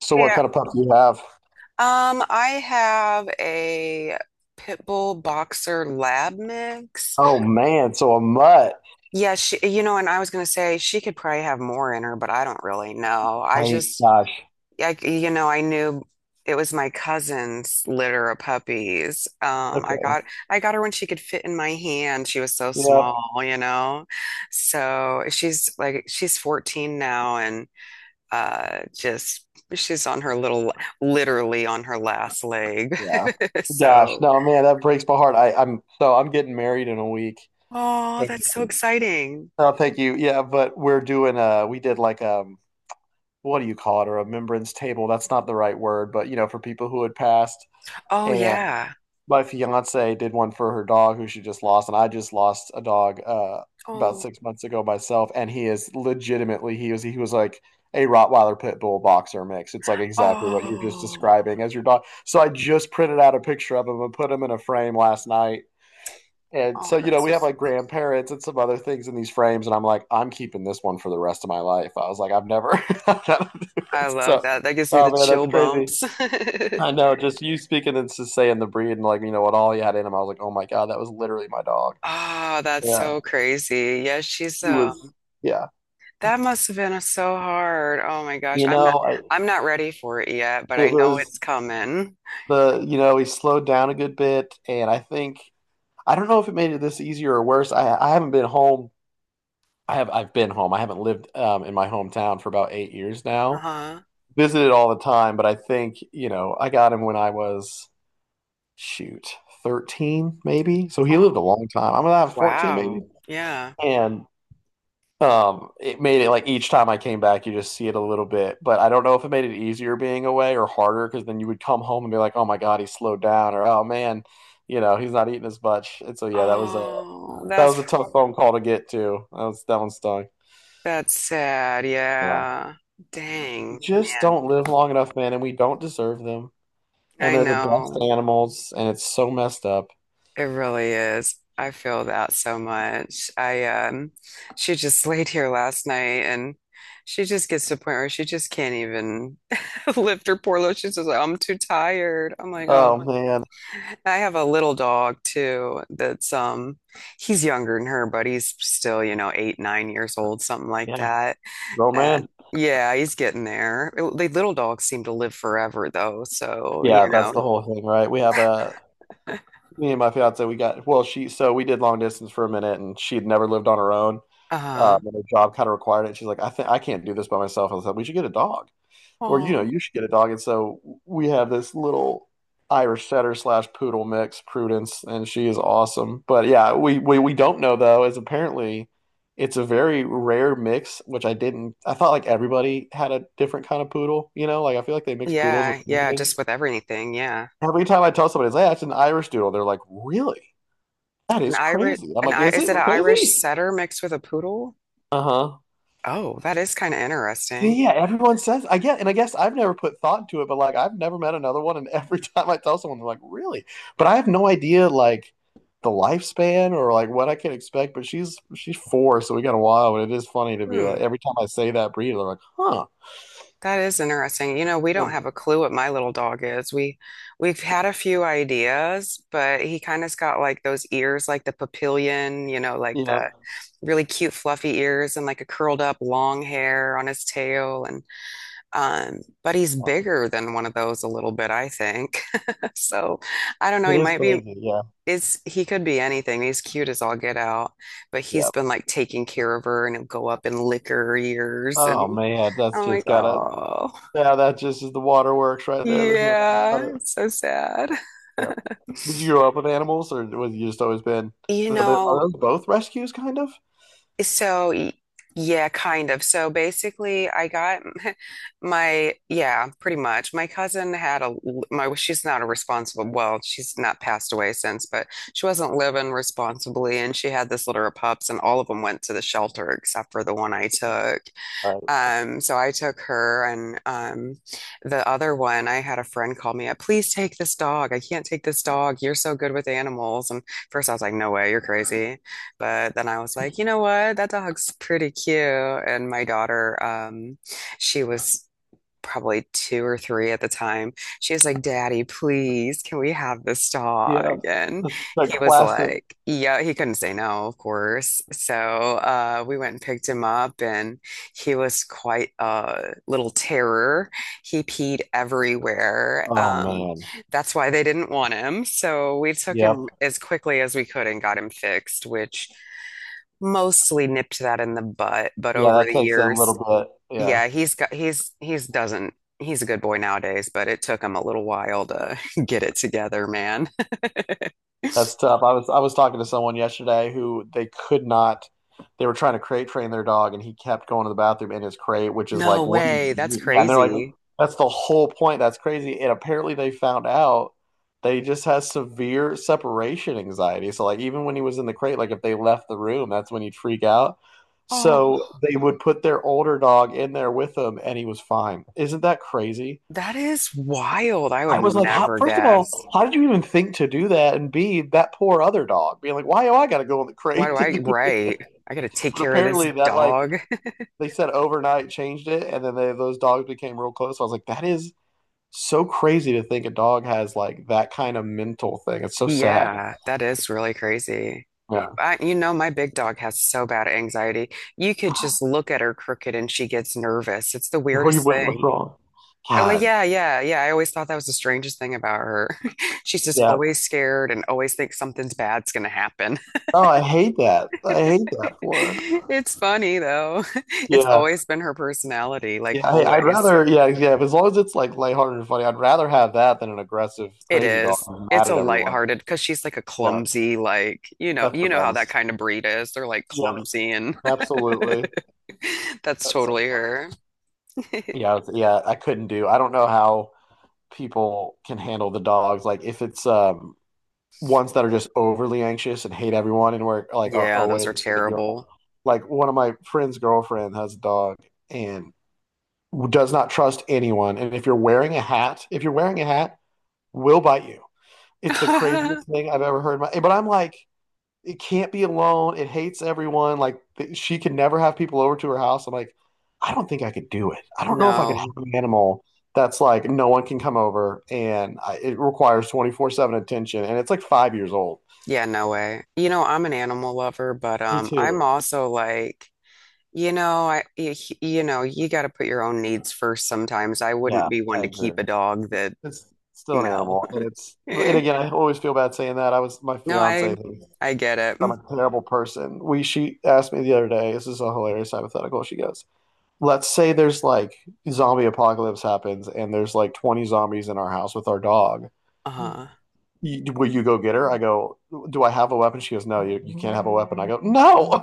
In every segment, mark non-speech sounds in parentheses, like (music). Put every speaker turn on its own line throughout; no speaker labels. So what
Hey,
kind of pup do you have?
I have a pit bull boxer lab mix.
Oh man, so a mutt.
Yeah, she, and I was gonna say she could probably have more in her, but I don't really know. I
I
just,
gosh.
like, I knew it was my cousin's litter of puppies.
Okay.
I got her when she could fit in my hand. She was so. Oh,
Yep.
small, you know. So she's 14 now, and just she's on her little, literally on her last leg.
Yeah.
(laughs)
Gosh.
So,
No, man, that breaks my heart. I'm so I'm getting married in a week.
oh, that's so
And
exciting.
oh, thank you. Yeah, but we're doing we did like what do you call it? A remembrance table. That's not the right word, but you know, for people who had passed.
Oh,
And
yeah.
my fiance did one for her dog who she just lost, and I just lost a dog about
Oh,
6 months ago myself, and he is legitimately he was like a Rottweiler pit bull boxer mix. It's like exactly what you're just
oh,
describing as your dog. So I just printed out a picture of him and put him in a frame last night. And so,
oh,
you know,
that's so.
we have like grandparents and some other things in these frames, and I'm like, I'm keeping this one for the rest of my life. I was like, I've never. (laughs)
I love
So,
that. That gives me the
oh man,
chill
that's crazy.
bumps. (laughs)
I know, just you speaking and just saying the breed and like you know what all he had in him. I was like, oh my god, that was literally my dog.
Oh, that's
Yeah,
so crazy. Yeah, she's
he
uh
was. Yeah,
that must have been so hard. Oh my gosh.
you know, I
I'm not ready for it yet, but I
it
know it's
was
coming.
the he slowed down a good bit, and I think I don't know if it made it this easier or worse. I haven't been home. I've been home. I haven't lived in my hometown for about 8 years now.
Uh-huh.
Visited all the time, but I think you know I got him when I was shoot 13 maybe. So he lived
Oh.
a long time. I'm gonna have 14
Wow.
maybe,
Yeah.
and it made it like each time I came back, you just see it a little bit, but I don't know if it made it easier being away or harder because then you would come home and be like, "Oh my God, he slowed down," or "Oh man, you know, he's not eating as much." And so yeah,
Oh,
that was a tough phone call to get to. That was that one stung.
that's sad.
Yeah,
Yeah.
we
Dang,
just
man.
don't live long enough, man, and we don't deserve them. And
I
they're the best
know.
animals, and it's so messed up.
It really is. I feel that so much. I she just (laughs) laid here last night and she just gets to a point where she just can't even (laughs) lift her poor load. She's just like, I'm too tired. I'm like, oh,
Oh man,
I have a little dog too that's he's younger than her, but he's still, you know, 8, 9 years old, something like
yeah,
that.
grown man.
And yeah, he's getting there. The little dogs seem to live forever though, so
Yeah,
you
that's
know.
the whole thing, right? We have a me and my fiance, we got well, she so we did long distance for a minute, and she had never lived on her own.
Uh-huh.
And her job kind of required it. She's like, I think I can't do this by myself. I said, we should get a dog, or you know,
Aw.
you should get a dog. And so we have this little Irish setter slash poodle mix, Prudence, and she is awesome. But yeah, we don't know though, is apparently it's a very rare mix, which I didn't. I thought like everybody had a different kind of poodle. You know, like I feel like they mix poodles with
Yeah, yeah,
everything.
just with everything, yeah.
Every time I tell somebody, it's, like, hey, it's an Irish doodle, they're like, really? That
An
is
Irish
crazy. I'm
an
like,
I
is
Is
it
it an Irish
crazy?
setter mixed with a poodle?
Uh-huh.
Oh, that is kind of interesting.
See, yeah, everyone says I get, and I guess I've never put thought into it, but like I've never met another one, and every (laughs) time I tell someone, they're like, really? But I have no idea like the lifespan or like what I can expect. But she's four, so we got a while, but it is funny to be
Hmm.
like every time I say that breed, they're like, huh.
That is interesting. You know, we don't have
Um,
a clue what my little dog is. We've had a few ideas, but he kind of's got like those ears like the papillion, you know, like
you
the
know,
really cute fluffy ears and like a curled up long hair on his tail and but he's bigger than one of those a little bit, I think. (laughs) So, I don't know,
it
he
is
might be.
crazy. Yeah,
Is he could be anything. He's cute as all get out, but
yeah.
he's been like taking care of her and he'll go up and lick her ears
Oh
and
man, that's
I'm like,
just gotta
oh.
yeah, that just is the waterworks right there. There's no doubt about
Yeah,
it.
it's so sad.
Yeah. Did you grow
(laughs)
up with animals, or was you just always been?
You
Are
know,
those both rescues, kind of?
so y- yeah, kind of. So basically, I got (laughs) yeah, pretty much. My cousin had a, my, well, she's not a responsible, well, she's not passed away since, but she wasn't living responsibly. And she had this litter of pups, and all of them went to the shelter except for the one I took.
Right.
So I took her and the other one, I had a friend call me up, please take this dog. I can't take this dog. You're so good with animals. And first I was like, no way, you're crazy. But then I was like, you know what? That dog's pretty cute. And my daughter, she was probably two or three at the time. She was like, Daddy, please, can we have this dog?
Yeah.
And
The
he was
classic.
like, yeah, he couldn't say no, of course. So we went and picked him up, and he was quite a little terror. He peed everywhere.
Oh man.
That's why they didn't want him. So we took
Yep.
him as quickly as we could and got him fixed, which mostly nipped that in the butt. But
Yeah,
over
that
the
takes a little
years,
bit. Yeah.
yeah, he's got he's doesn't he's a good boy nowadays, but it took him a little while to (laughs) get it together, man. (laughs)
That's tough. I was talking to someone yesterday who they could not. They were trying to crate train their dog, and he kept going to the bathroom in his crate, which is
No
like, what do
way,
you
that's
mean? Yeah, and they're like,
crazy.
that's the whole point. That's crazy. And apparently, they found out that he just has severe separation anxiety. So, like, even when he was in the crate, like if they left the room, that's when he'd freak out. So they would put their older dog in there with him, and he was fine. Isn't that crazy?
That is wild. I
I
would
was like, how,
never
first of all,
guess.
how did you even think to do that? And B, that poor other dog being like, why do I got to go in the
Why do
crate? To
I,
do?
right? I gotta take
But
care of this
apparently, that like
dog. (laughs)
they said overnight changed it, and then they, those dogs became real close. So I was like, that is so crazy to think a dog has like that kind of mental thing. It's so sad.
Yeah, that is really crazy.
Yeah.
I, you know, my big dog has so bad anxiety. You could just look at her crooked and she gets nervous. It's the
What do you
weirdest
what's
thing.
wrong?
I like,
God.
yeah, yeah, yeah. I always thought that was the strangest thing about her. (laughs) She's just
Yeah.
always scared and always thinks something's bad's gonna happen.
Oh, I hate that. I hate that for
(laughs)
her.
It's funny though. (laughs) It's
Yeah.
always been her personality, like
Yeah. I, I'd
always.
rather. Yeah. Yeah. As long as it's like lighthearted and funny, I'd rather have that than an aggressive,
It
crazy dog
is.
who's
It's
mad
a
at everyone.
lighthearted because she's like a
Yeah.
clumsy, like,
That's the
you know how that
best.
kind of breed is. They're like
Yep,
clumsy and
absolutely.
(laughs) that's
That's so
totally
funny.
her. (laughs)
Yeah, I couldn't do. I don't know how people can handle the dogs. Like if it's ones that are just overly anxious and hate everyone and were like are
Yeah, those are
always like, you know,
terrible.
like one of my friend's girlfriend has a dog and does not trust anyone. And if you're wearing a hat, if you're wearing a hat, will bite you. It's the
(laughs)
craziest thing I've ever heard. My, but I'm like, it can't be alone. It hates everyone. Like she can never have people over to her house. I'm like, I don't think I could do it. I don't know if I could
No.
have an animal that's like no one can come over and it requires 24/7 attention and it's like 5 years old.
Yeah, no way. You know, I'm an animal lover, but
Me
I'm
too.
also like. You know, you know, you got to put your own needs first sometimes. I wouldn't
Yeah,
be one
I
to
agree.
keep a dog that
It's still an
no.
animal and it's
(laughs)
and
Eh.
again, I always feel bad saying that. I was my
No,
fiance thinks
I get
I'm
it.
a terrible person. We she asked me the other day, this is a hilarious hypothetical. She goes, let's say there's like zombie apocalypse happens and there's like 20 zombies in our house with our dog.
Uh-huh.
You, will you go get her? I go, do I have a weapon? She goes, no, you can't have a weapon. I go, no.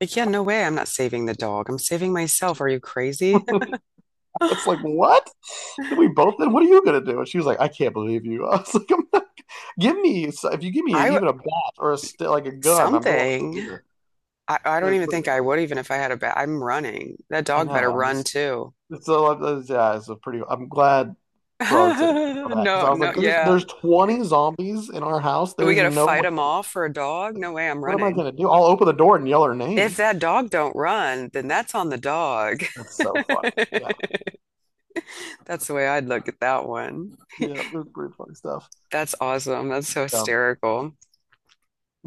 Like, yeah, no way. I'm not saving the dog. I'm saving myself. Are you crazy? (laughs)
(laughs)
I
It's like, what? Then we both, then what are you going to do? And she was like, I can't believe you. (laughs) I was like, (laughs) I'm not, give me, so, if you give me
w-
even a bat or a, like a gun, I'm going over
something.
here.
I
It
don't
was
even
pretty
think I
fun.
would even if I had a bat. I'm running. That
I
dog
know.
better
I'm
run
just,
too.
it's a, yeah, it's a pretty, I'm glad for all the sake of
(laughs)
that. Because
No,
I was like,
no, yeah.
there's 20 zombies in our house.
We
There's
got to
no
fight him off for a dog? No way, I'm
what am I
running.
gonna do? I'll open the door and yell her
If
name.
that dog don't run, then that's on the dog.
That's
(laughs)
so funny. Yeah,
That's the way I'd look at that one.
yeah, it was pretty funny stuff.
That's awesome. That's so
Yeah.
hysterical.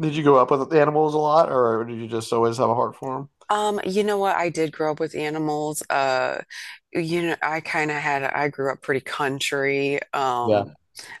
Did you go up with the animals a lot, or did you just always have a heart for them?
You know what? I did grow up with animals. You know, I kind of had, I grew up pretty country.
Yeah,
Um,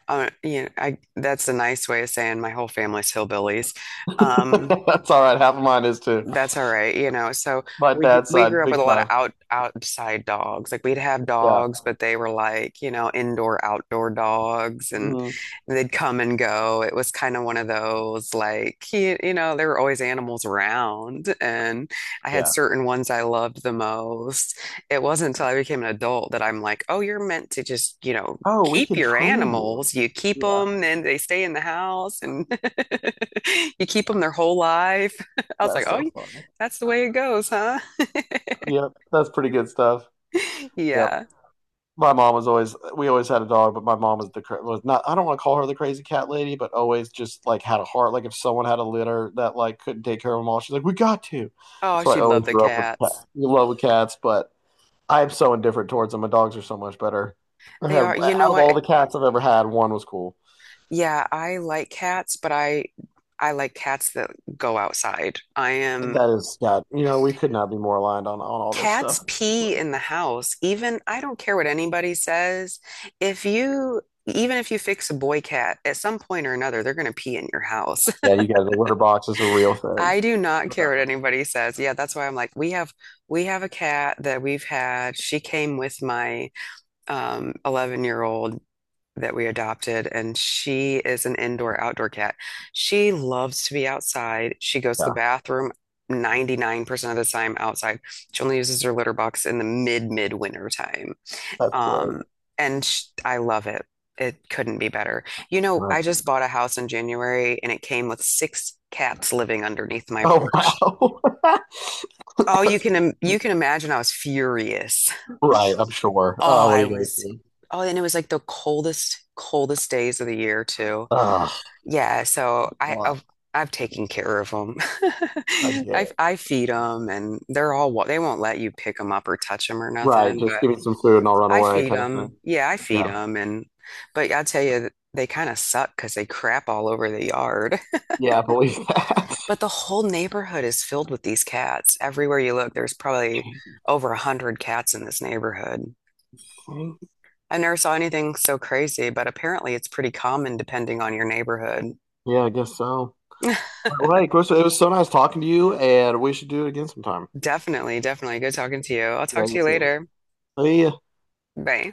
uh, You know, I that's a nice way of saying my whole family's hillbillies.
(laughs)
Um,
that's all right. Half of mine is too.
That's all right, you know. So
My dad's
we grew
side,
up with
big
a lot of
time.
outside dogs. Like we'd have
Yeah.
dogs, but they were like, you know, indoor outdoor dogs and
Hmm.
they'd come and go. It was kind of one of those like you know, there were always animals around and I had
Yeah.
certain ones I loved the most. It wasn't until I became an adult that I'm like, "Oh, you're meant to just, you know,
Oh, we
keep
can
your
train you.
animals. You keep
Yeah,
them and they stay in the house and (laughs) you keep them their whole life." (laughs) I was like,
that's
oh,
so funny.
that's the way it goes, huh? (laughs)
Yep, that's pretty good stuff. Yeah.
Yeah.
my mom was always we always had a dog, but my mom was the was not I don't want to call her the crazy cat lady, but always just like had a heart. Like if someone had a litter that like couldn't take care of them all, she's like, "We got to."
Oh,
So I
she'd love
always
the
grew up with
cats.
love with cats, but I am so indifferent towards them. My dogs are so much better. I
They
had
are, you know
out of all
what?
the cats I've ever had, one was cool.
Yeah, I like cats that go outside. I am
That is God. You know, we could not be more aligned on all this
Cats
stuff.
pee in the house. Even I don't care what anybody says. If you even if you fix a boy cat, at some point or another, they're going to pee in your house.
Yeah,
(laughs)
you guys, the litter box is a real thing.
I do not care what anybody says. Yeah, that's why I'm like, we have a cat that we've had. She came with my 11-year-old that we adopted, and she is an indoor outdoor cat. She loves to be outside. She goes to the
Yeah,
bathroom 99% of the time outside. She only uses her litter box in the mid midwinter time.
that's great.
Um, and sh I love it. It couldn't be better. You know, I
That's-
just bought a house in January and it came with six cats living underneath my
oh
porch.
wow.
Oh, you can
(laughs)
im- you can imagine I was furious.
Right, I'm sure.
Oh,
Oh, what are
I
you gonna
was.
do?
Oh, and it was like the coldest, coldest days of the year too.
Ugh,
Yeah, so I
well,
I've taken care of them. (laughs)
I get it.
I feed them, and they're all wa- they won't let you pick them up or touch them or
Right,
nothing.
just
But
give me some food and I'll run
I
away,
feed
kind of thing.
them. Yeah, I feed
Yeah,
them, and but I tell you, they kind of suck because they crap all over the yard. (laughs)
yeah, I believe that.
But the whole neighborhood is filled with these cats. Everywhere you look, there's probably over 100 cats in this neighborhood.
(laughs)
I never saw anything so crazy, but apparently it's pretty common depending on your neighborhood.
Yeah, I guess so. All
(laughs)
right, well, hey, Chris, it was so nice talking to you, and we should do it again sometime.
Definitely, definitely. Good talking to you. I'll talk
Yeah,
to
you
you
too.
later.
See ya.
Bye.